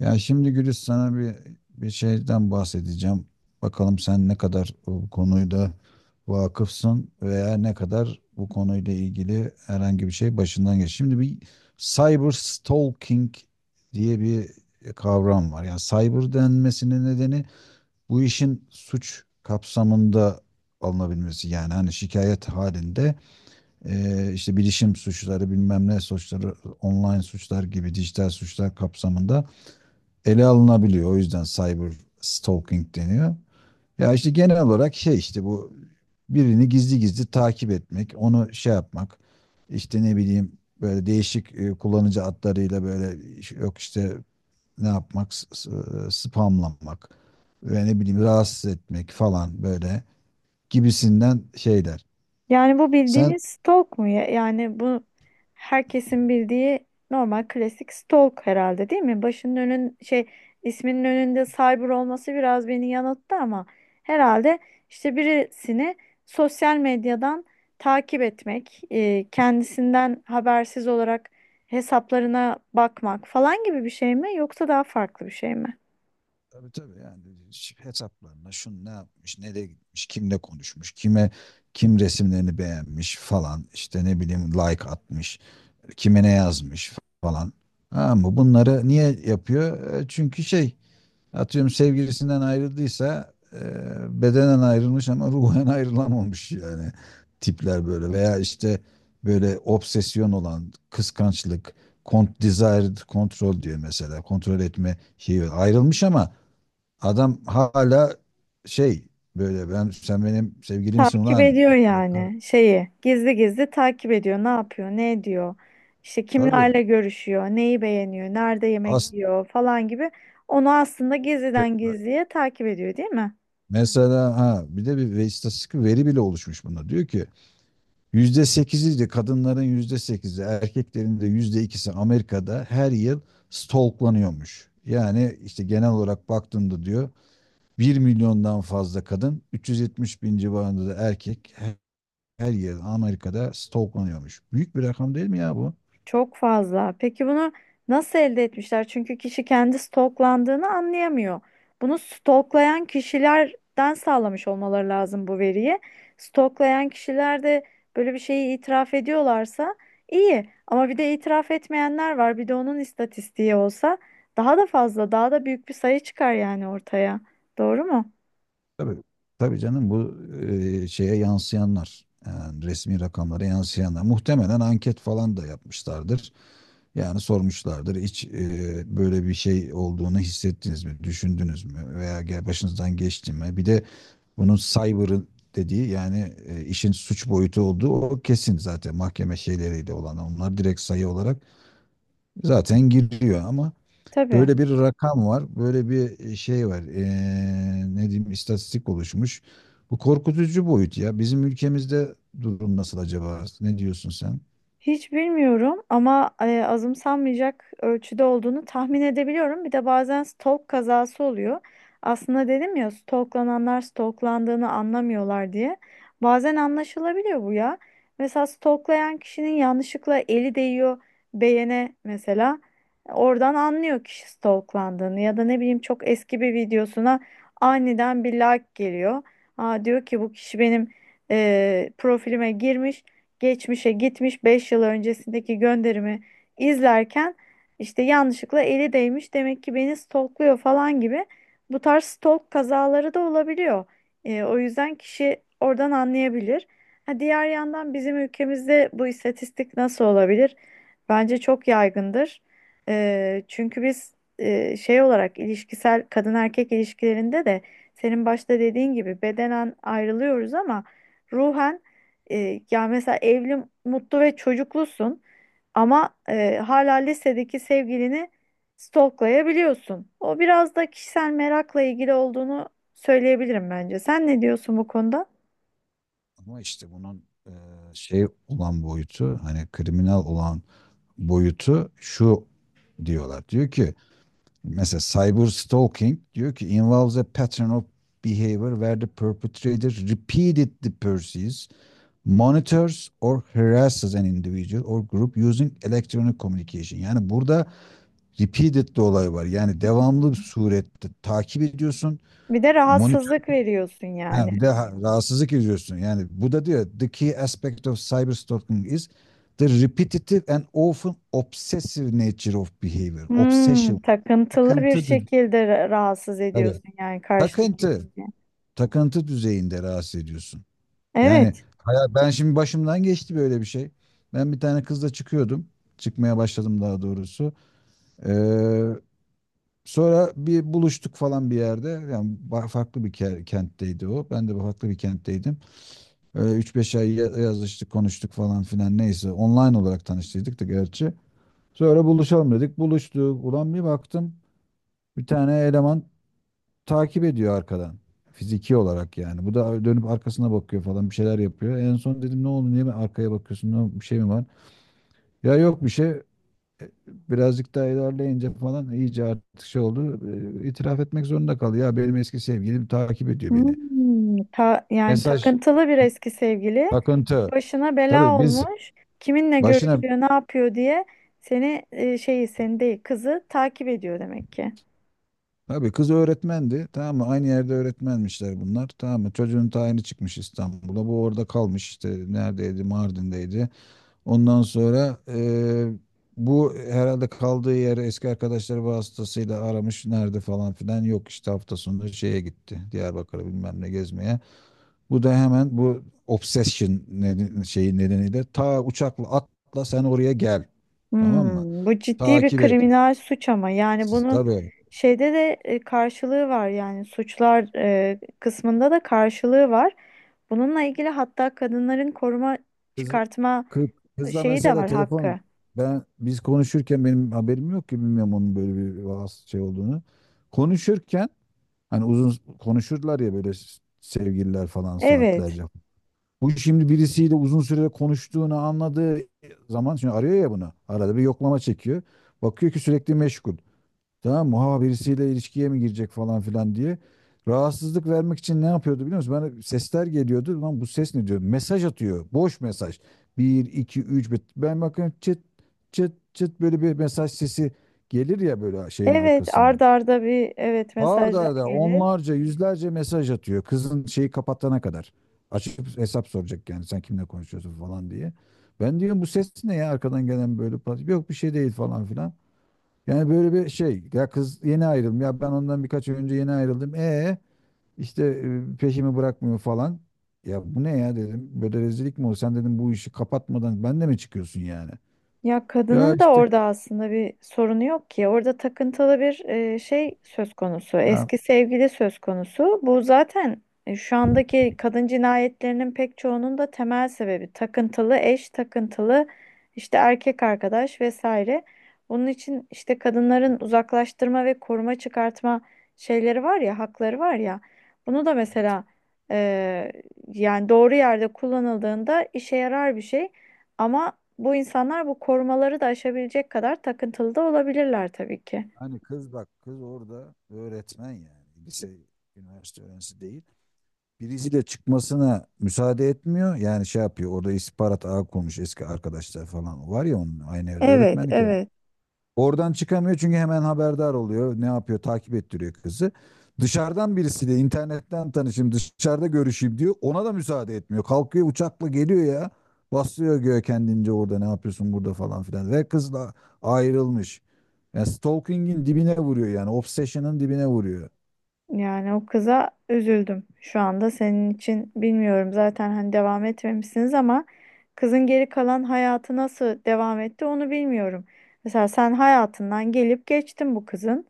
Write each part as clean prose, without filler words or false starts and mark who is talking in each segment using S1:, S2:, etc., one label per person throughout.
S1: Ya şimdi Gülis sana bir şeyden bahsedeceğim. Bakalım sen ne kadar bu konuda vakıfsın veya ne kadar bu konuyla ilgili herhangi bir şey başından geç. Şimdi bir cyber stalking diye bir kavram var. Yani cyber denmesinin nedeni bu işin suç kapsamında alınabilmesi. Yani hani şikayet halinde işte bilişim suçları bilmem ne suçları online suçlar gibi dijital suçlar kapsamında ele alınabiliyor. O yüzden cyber stalking deniyor. Ya işte genel olarak şey işte bu birini gizli gizli takip etmek, onu şey yapmak, işte ne bileyim böyle değişik kullanıcı adlarıyla böyle yok işte ne yapmak, spamlamak ve ne bileyim rahatsız etmek falan böyle gibisinden şeyler.
S2: Yani bu
S1: Sen
S2: bildiğimiz stalk mu, ya? Yani bu herkesin bildiği normal klasik stalk herhalde, değil mi? Başının önün şey, isminin önünde cyber olması biraz beni yanılttı ama herhalde işte birisini sosyal medyadan takip etmek, kendisinden habersiz olarak hesaplarına bakmak falan gibi bir şey mi yoksa daha farklı bir şey mi?
S1: Tabii, tabii, yani hesaplarına şun ne yapmış, nereye gitmiş, kimle konuşmuş, kime kim resimlerini beğenmiş falan işte ne bileyim like atmış, kime ne yazmış falan. Ha mı bunları niye yapıyor? Çünkü şey atıyorum sevgilisinden ayrıldıysa bedenen ayrılmış ama ruhen ayrılamamış yani tipler böyle veya işte böyle obsesyon olan kıskançlık, desired control diyor mesela kontrol etme şeyi ayrılmış ama adam hala şey böyle ben sen benim sevgilimsin
S2: Takip
S1: ulan.
S2: ediyor
S1: Ee, kar-
S2: yani şeyi. Gizli gizli takip ediyor. Ne yapıyor, ne ediyor? İşte
S1: Tabii.
S2: kimlerle görüşüyor, neyi beğeniyor, nerede yemek
S1: As
S2: yiyor falan gibi. Onu aslında
S1: Ve-
S2: gizliden gizliye takip ediyor, değil mi?
S1: Mesela, ha, bir de istatistik bir veri bile oluşmuş bunda. Diyor ki %8'i de kadınların %8'i erkeklerin de %2'si Amerika'da her yıl stalklanıyormuş. Yani işte genel olarak baktığımda diyor 1 milyondan fazla kadın 370 bin civarında da erkek her yıl Amerika'da stalklanıyormuş. Büyük bir rakam değil mi ya bu?
S2: Çok fazla. Peki bunu nasıl elde etmişler? Çünkü kişi kendi stalklandığını anlayamıyor. Bunu stalklayan kişilerden sağlamış olmaları lazım bu veriyi. Stalklayan kişiler de böyle bir şeyi itiraf ediyorlarsa iyi. Ama bir de itiraf etmeyenler var. Bir de onun istatistiği olsa daha da fazla, daha da büyük bir sayı çıkar yani ortaya. Doğru mu?
S1: Tabii, tabii canım, bu şeye yansıyanlar yani resmi rakamlara yansıyanlar muhtemelen anket falan da yapmışlardır. Yani sormuşlardır hiç böyle bir şey olduğunu hissettiniz mi, düşündünüz mü veya başınızdan geçti mi? Bir de bunun cyber'ı dediği yani işin suç boyutu olduğu o kesin, zaten mahkeme şeyleriyle olan onlar direkt sayı olarak zaten giriyor ama
S2: Tabii.
S1: böyle bir rakam var, böyle bir şey var. Ne diyeyim, istatistik oluşmuş. Bu korkutucu boyut ya. Bizim ülkemizde durum nasıl acaba? Ne diyorsun sen?
S2: Hiç bilmiyorum ama azımsanmayacak ölçüde olduğunu tahmin edebiliyorum. Bir de bazen stalk kazası oluyor. Aslında dedim ya stalklananlar stalklandığını anlamıyorlar diye. Bazen anlaşılabiliyor bu ya. Mesela stalklayan kişinin yanlışlıkla eli değiyor beğene mesela. Oradan anlıyor kişi stalklandığını ya da ne bileyim çok eski bir videosuna aniden bir like geliyor. Aa, diyor ki bu kişi benim profilime girmiş, geçmişe gitmiş, 5 yıl öncesindeki gönderimi izlerken işte yanlışlıkla eli değmiş demek ki beni stalkluyor falan gibi bu tarz stalk kazaları da olabiliyor. O yüzden kişi oradan anlayabilir. Ha, diğer yandan bizim ülkemizde bu istatistik nasıl olabilir? Bence çok yaygındır. Çünkü biz şey olarak ilişkisel kadın erkek ilişkilerinde de senin başta dediğin gibi bedenen ayrılıyoruz ama ruhen ya mesela evli, mutlu ve çocuklusun ama hala lisedeki sevgilini stalklayabiliyorsun. O biraz da kişisel merakla ilgili olduğunu söyleyebilirim bence. Sen ne diyorsun bu konuda?
S1: Ama işte bunun şey olan boyutu, hani kriminal olan boyutu şu diyorlar. Diyor ki mesela cyber stalking diyor ki involves a pattern of behavior where the perpetrator repeatedly pursues monitors or harasses an individual or group using electronic communication. Yani burada repeated de olay var. Yani devamlı bir surette takip ediyorsun.
S2: Bir de
S1: Monitör,
S2: rahatsızlık veriyorsun
S1: ha,
S2: yani.
S1: de rahatsızlık ediyorsun. Yani bu da diyor the key aspect of cyber stalking is the repetitive and often obsessive nature of behavior. Obsession.
S2: Hmm, takıntılı bir
S1: Takıntı.
S2: şekilde rahatsız
S1: Tabii.
S2: ediyorsun yani karşıdaki
S1: Takıntı.
S2: kişiyi.
S1: Takıntı düzeyinde rahatsız ediyorsun. Yani
S2: Evet.
S1: hayat, ben şimdi başımdan geçti böyle bir şey. Ben bir tane kızla çıkıyordum. Çıkmaya başladım daha doğrusu. Ee, Sonra bir buluştuk falan bir yerde. Yani farklı bir kentteydi o. Ben de farklı bir kentteydim. Öyle 3-5 ay yazıştık, konuştuk falan filan neyse. Online olarak tanıştıydık da gerçi. Sonra buluşalım dedik. Buluştuk. Ulan bir baktım. Bir tane eleman takip ediyor arkadan. Fiziki olarak yani. Bu da dönüp arkasına bakıyor falan, bir şeyler yapıyor. En son dedim ne oldu, niye ben arkaya bakıyorsun, ne, bir şey mi var? Ya yok bir şey. Birazcık daha ilerleyince falan iyice artık şey oldu. İtiraf etmek zorunda kaldı. Ya benim eski sevgilim takip ediyor beni.
S2: Hmm, yani
S1: Mesaj.
S2: takıntılı bir eski sevgili,
S1: Takıntı.
S2: başına bela
S1: Tabii. biz
S2: olmuş. Kiminle
S1: başına
S2: görüşüyor, ne yapıyor diye seni şeyi, seni değil kızı takip ediyor demek ki.
S1: Tabii, kız öğretmendi. Tamam mı? Aynı yerde öğretmenmişler bunlar. Tamam mı? Çocuğun tayini çıkmış İstanbul'a. Bu orada kalmış işte. Neredeydi? Mardin'deydi. Ondan sonra bu herhalde kaldığı yeri eski arkadaşları vasıtasıyla aramış. Nerede falan filan. Yok işte hafta sonu şeye gitti. Diyarbakır'a bilmem ne gezmeye. Bu da hemen bu obsession neden, şeyi nedeniyle ta uçakla atla sen oraya gel. Tamam mı?
S2: Hmm, bu ciddi bir
S1: Takip et.
S2: kriminal suç ama yani bunu
S1: Tabii.
S2: şeyde de karşılığı var yani suçlar kısmında da karşılığı var. Bununla ilgili hatta kadınların koruma
S1: Kız,
S2: çıkartma
S1: kız, kızla
S2: şeyi de
S1: mesela
S2: var,
S1: telefon
S2: hakkı.
S1: biz konuşurken benim haberim yok ki, bilmiyorum onun böyle bir şey olduğunu. Konuşurken Hani uzun konuşurlar ya böyle sevgililer falan,
S2: Evet.
S1: saatlerce. Bu şimdi birisiyle uzun süre konuştuğunu anladığı zaman şimdi arıyor ya bunu. Arada bir yoklama çekiyor. Bakıyor ki sürekli meşgul. Tamam mı? Ha, birisiyle ilişkiye mi girecek falan filan diye. Rahatsızlık vermek için ne yapıyordu biliyor musun? Bana sesler geliyordu. Lan bu ses ne, diyor? Mesaj atıyor. Boş mesaj. 1, 2, 3. Ben bakıyorum çıt çıt çıt böyle bir mesaj sesi gelir ya böyle şeyin
S2: Evet,
S1: arkasında.
S2: arda arda bir evet
S1: Arda
S2: mesajlar
S1: arda
S2: gelir.
S1: onlarca, yüzlerce mesaj atıyor. Kızın şeyi kapatana kadar. Açıp hesap soracak yani sen kimle konuşuyorsun falan diye. Ben diyorum bu ses ne ya, arkadan gelen böyle pat. Yok bir şey değil falan filan. Yani böyle bir şey. Ya kız yeni ayrıldım. Ya ben ondan birkaç ay önce yeni ayrıldım. E işte peşimi bırakmıyor falan. Ya bu ne ya, dedim. Böyle rezillik mi olur? Sen, dedim, bu işi kapatmadan ben de mi çıkıyorsun yani?
S2: Ya
S1: Ya
S2: kadının da
S1: işte,
S2: orada aslında bir sorunu yok ki. Orada takıntılı bir şey söz konusu. Eski sevgili söz konusu. Bu zaten şu andaki kadın cinayetlerinin pek çoğunun da temel sebebi takıntılı eş, takıntılı işte erkek arkadaş vesaire. Bunun için işte kadınların uzaklaştırma ve koruma çıkartma şeyleri var ya, hakları var ya. Bunu da mesela e, yani doğru yerde kullanıldığında işe yarar bir şey. Ama bu insanlar bu korumaları da aşabilecek kadar takıntılı da olabilirler tabii ki.
S1: hani kız, bak kız orada öğretmen, yani lise, üniversite öğrencisi değil. Birisiyle çıkmasına müsaade etmiyor. Yani şey yapıyor orada, istihbarat ağı kurmuş eski arkadaşlar falan var ya onun, aynı evde
S2: Evet,
S1: öğretmenlik yap.
S2: evet.
S1: Oradan çıkamıyor çünkü hemen haberdar oluyor. Ne yapıyor? Takip ettiriyor kızı. Dışarıdan birisiyle internetten tanışayım, dışarıda görüşeyim diyor. Ona da müsaade etmiyor. Kalkıyor uçakla geliyor ya. Basıyor göğe kendince, orada ne yapıyorsun burada falan filan. Ve kızla ayrılmış. Yani stalking'in dibine vuruyor yani. Obsession'ın dibine vuruyor.
S2: Yani o kıza üzüldüm şu anda, senin için bilmiyorum zaten hani devam etmemişsiniz ama kızın geri kalan hayatı nasıl devam etti onu bilmiyorum. Mesela sen hayatından gelip geçtin bu kızın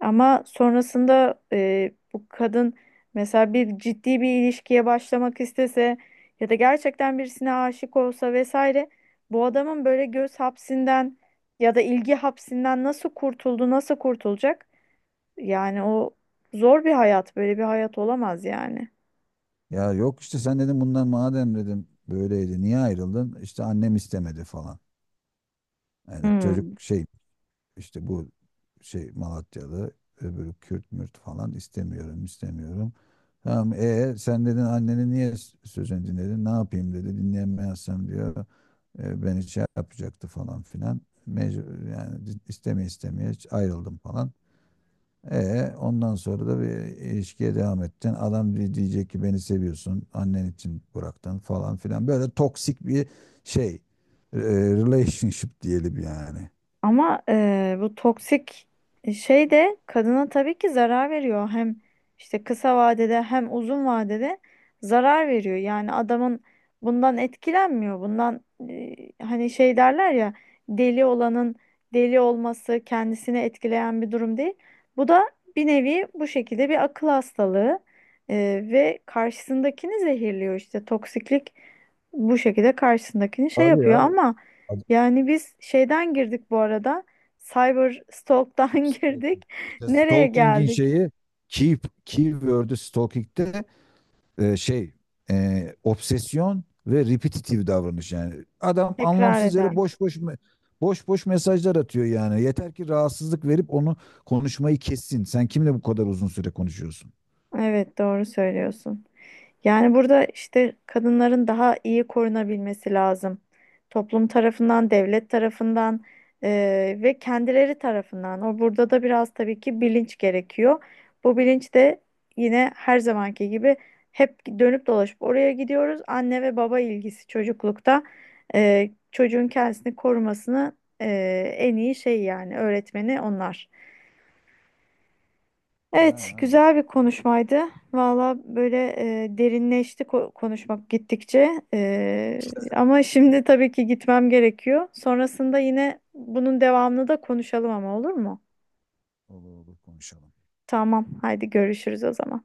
S2: ama sonrasında bu kadın mesela bir ciddi bir ilişkiye başlamak istese ya da gerçekten birisine aşık olsa vesaire bu adamın böyle göz hapsinden ya da ilgi hapsinden nasıl kurtuldu, nasıl kurtulacak? Yani o zor bir hayat, böyle bir hayat olamaz yani.
S1: Ya yok işte, sen dedim bundan madem dedim böyleydi niye ayrıldın? İşte annem istemedi falan. Yani çocuk
S2: Hmm.
S1: şey. İşte bu şey Malatyalı, öbürü Kürt mürt, falan, istemiyorum istemiyorum. Tamam, sen dedin, anneni niye sözünü dinledin? Ne yapayım dedi, dinleyemezsem diyor beni şey yapacaktı falan filan. Mecbur yani, istemeye istemeye ayrıldım falan. E ondan sonra da bir ilişkiye devam ettin. Adam diyecek ki beni seviyorsun, annen için bıraktın falan filan. Böyle toksik bir şey. e, Relationship diyelim yani.
S2: Ama bu toksik şey de kadına tabii ki zarar veriyor. Hem işte kısa vadede hem uzun vadede zarar veriyor. Yani adamın bundan etkilenmiyor. Bundan Hani şey derler ya, deli olanın deli olması kendisini etkileyen bir durum değil. Bu da bir nevi bu şekilde bir akıl hastalığı ve karşısındakini zehirliyor işte toksiklik bu şekilde karşısındakini şey
S1: Abi ya,
S2: yapıyor ama.
S1: adam
S2: Yani biz şeyden girdik bu arada. Cyber stalk'tan
S1: işte
S2: girdik.
S1: işte
S2: Nereye
S1: stalking'in
S2: geldik?
S1: şeyi, keep keyword'ü stalking'de şey, obsesyon ve repetitive davranış yani. Adam
S2: Tekrar
S1: anlamsız yere
S2: eden.
S1: boş boş mesajlar atıyor yani. Yeter ki rahatsızlık verip onu konuşmayı kessin. Sen kimle bu kadar uzun süre konuşuyorsun?
S2: Evet, doğru söylüyorsun. Yani burada işte kadınların daha iyi korunabilmesi lazım. Toplum tarafından, devlet tarafından, ve kendileri tarafından. O burada da biraz tabii ki bilinç gerekiyor. Bu bilinç de yine her zamanki gibi hep dönüp dolaşıp oraya gidiyoruz. Anne ve baba ilgisi çocuklukta çocuğun kendisini korumasını en iyi şey yani öğretmeni onlar. Evet,
S1: Yani aynen.
S2: güzel bir konuşmaydı. Valla böyle derinleşti konuşmak gittikçe. Ama şimdi tabii ki gitmem gerekiyor. Sonrasında yine bunun devamını da konuşalım ama, olur mu?
S1: Olur olur, konuşalım.
S2: Tamam, haydi görüşürüz o zaman.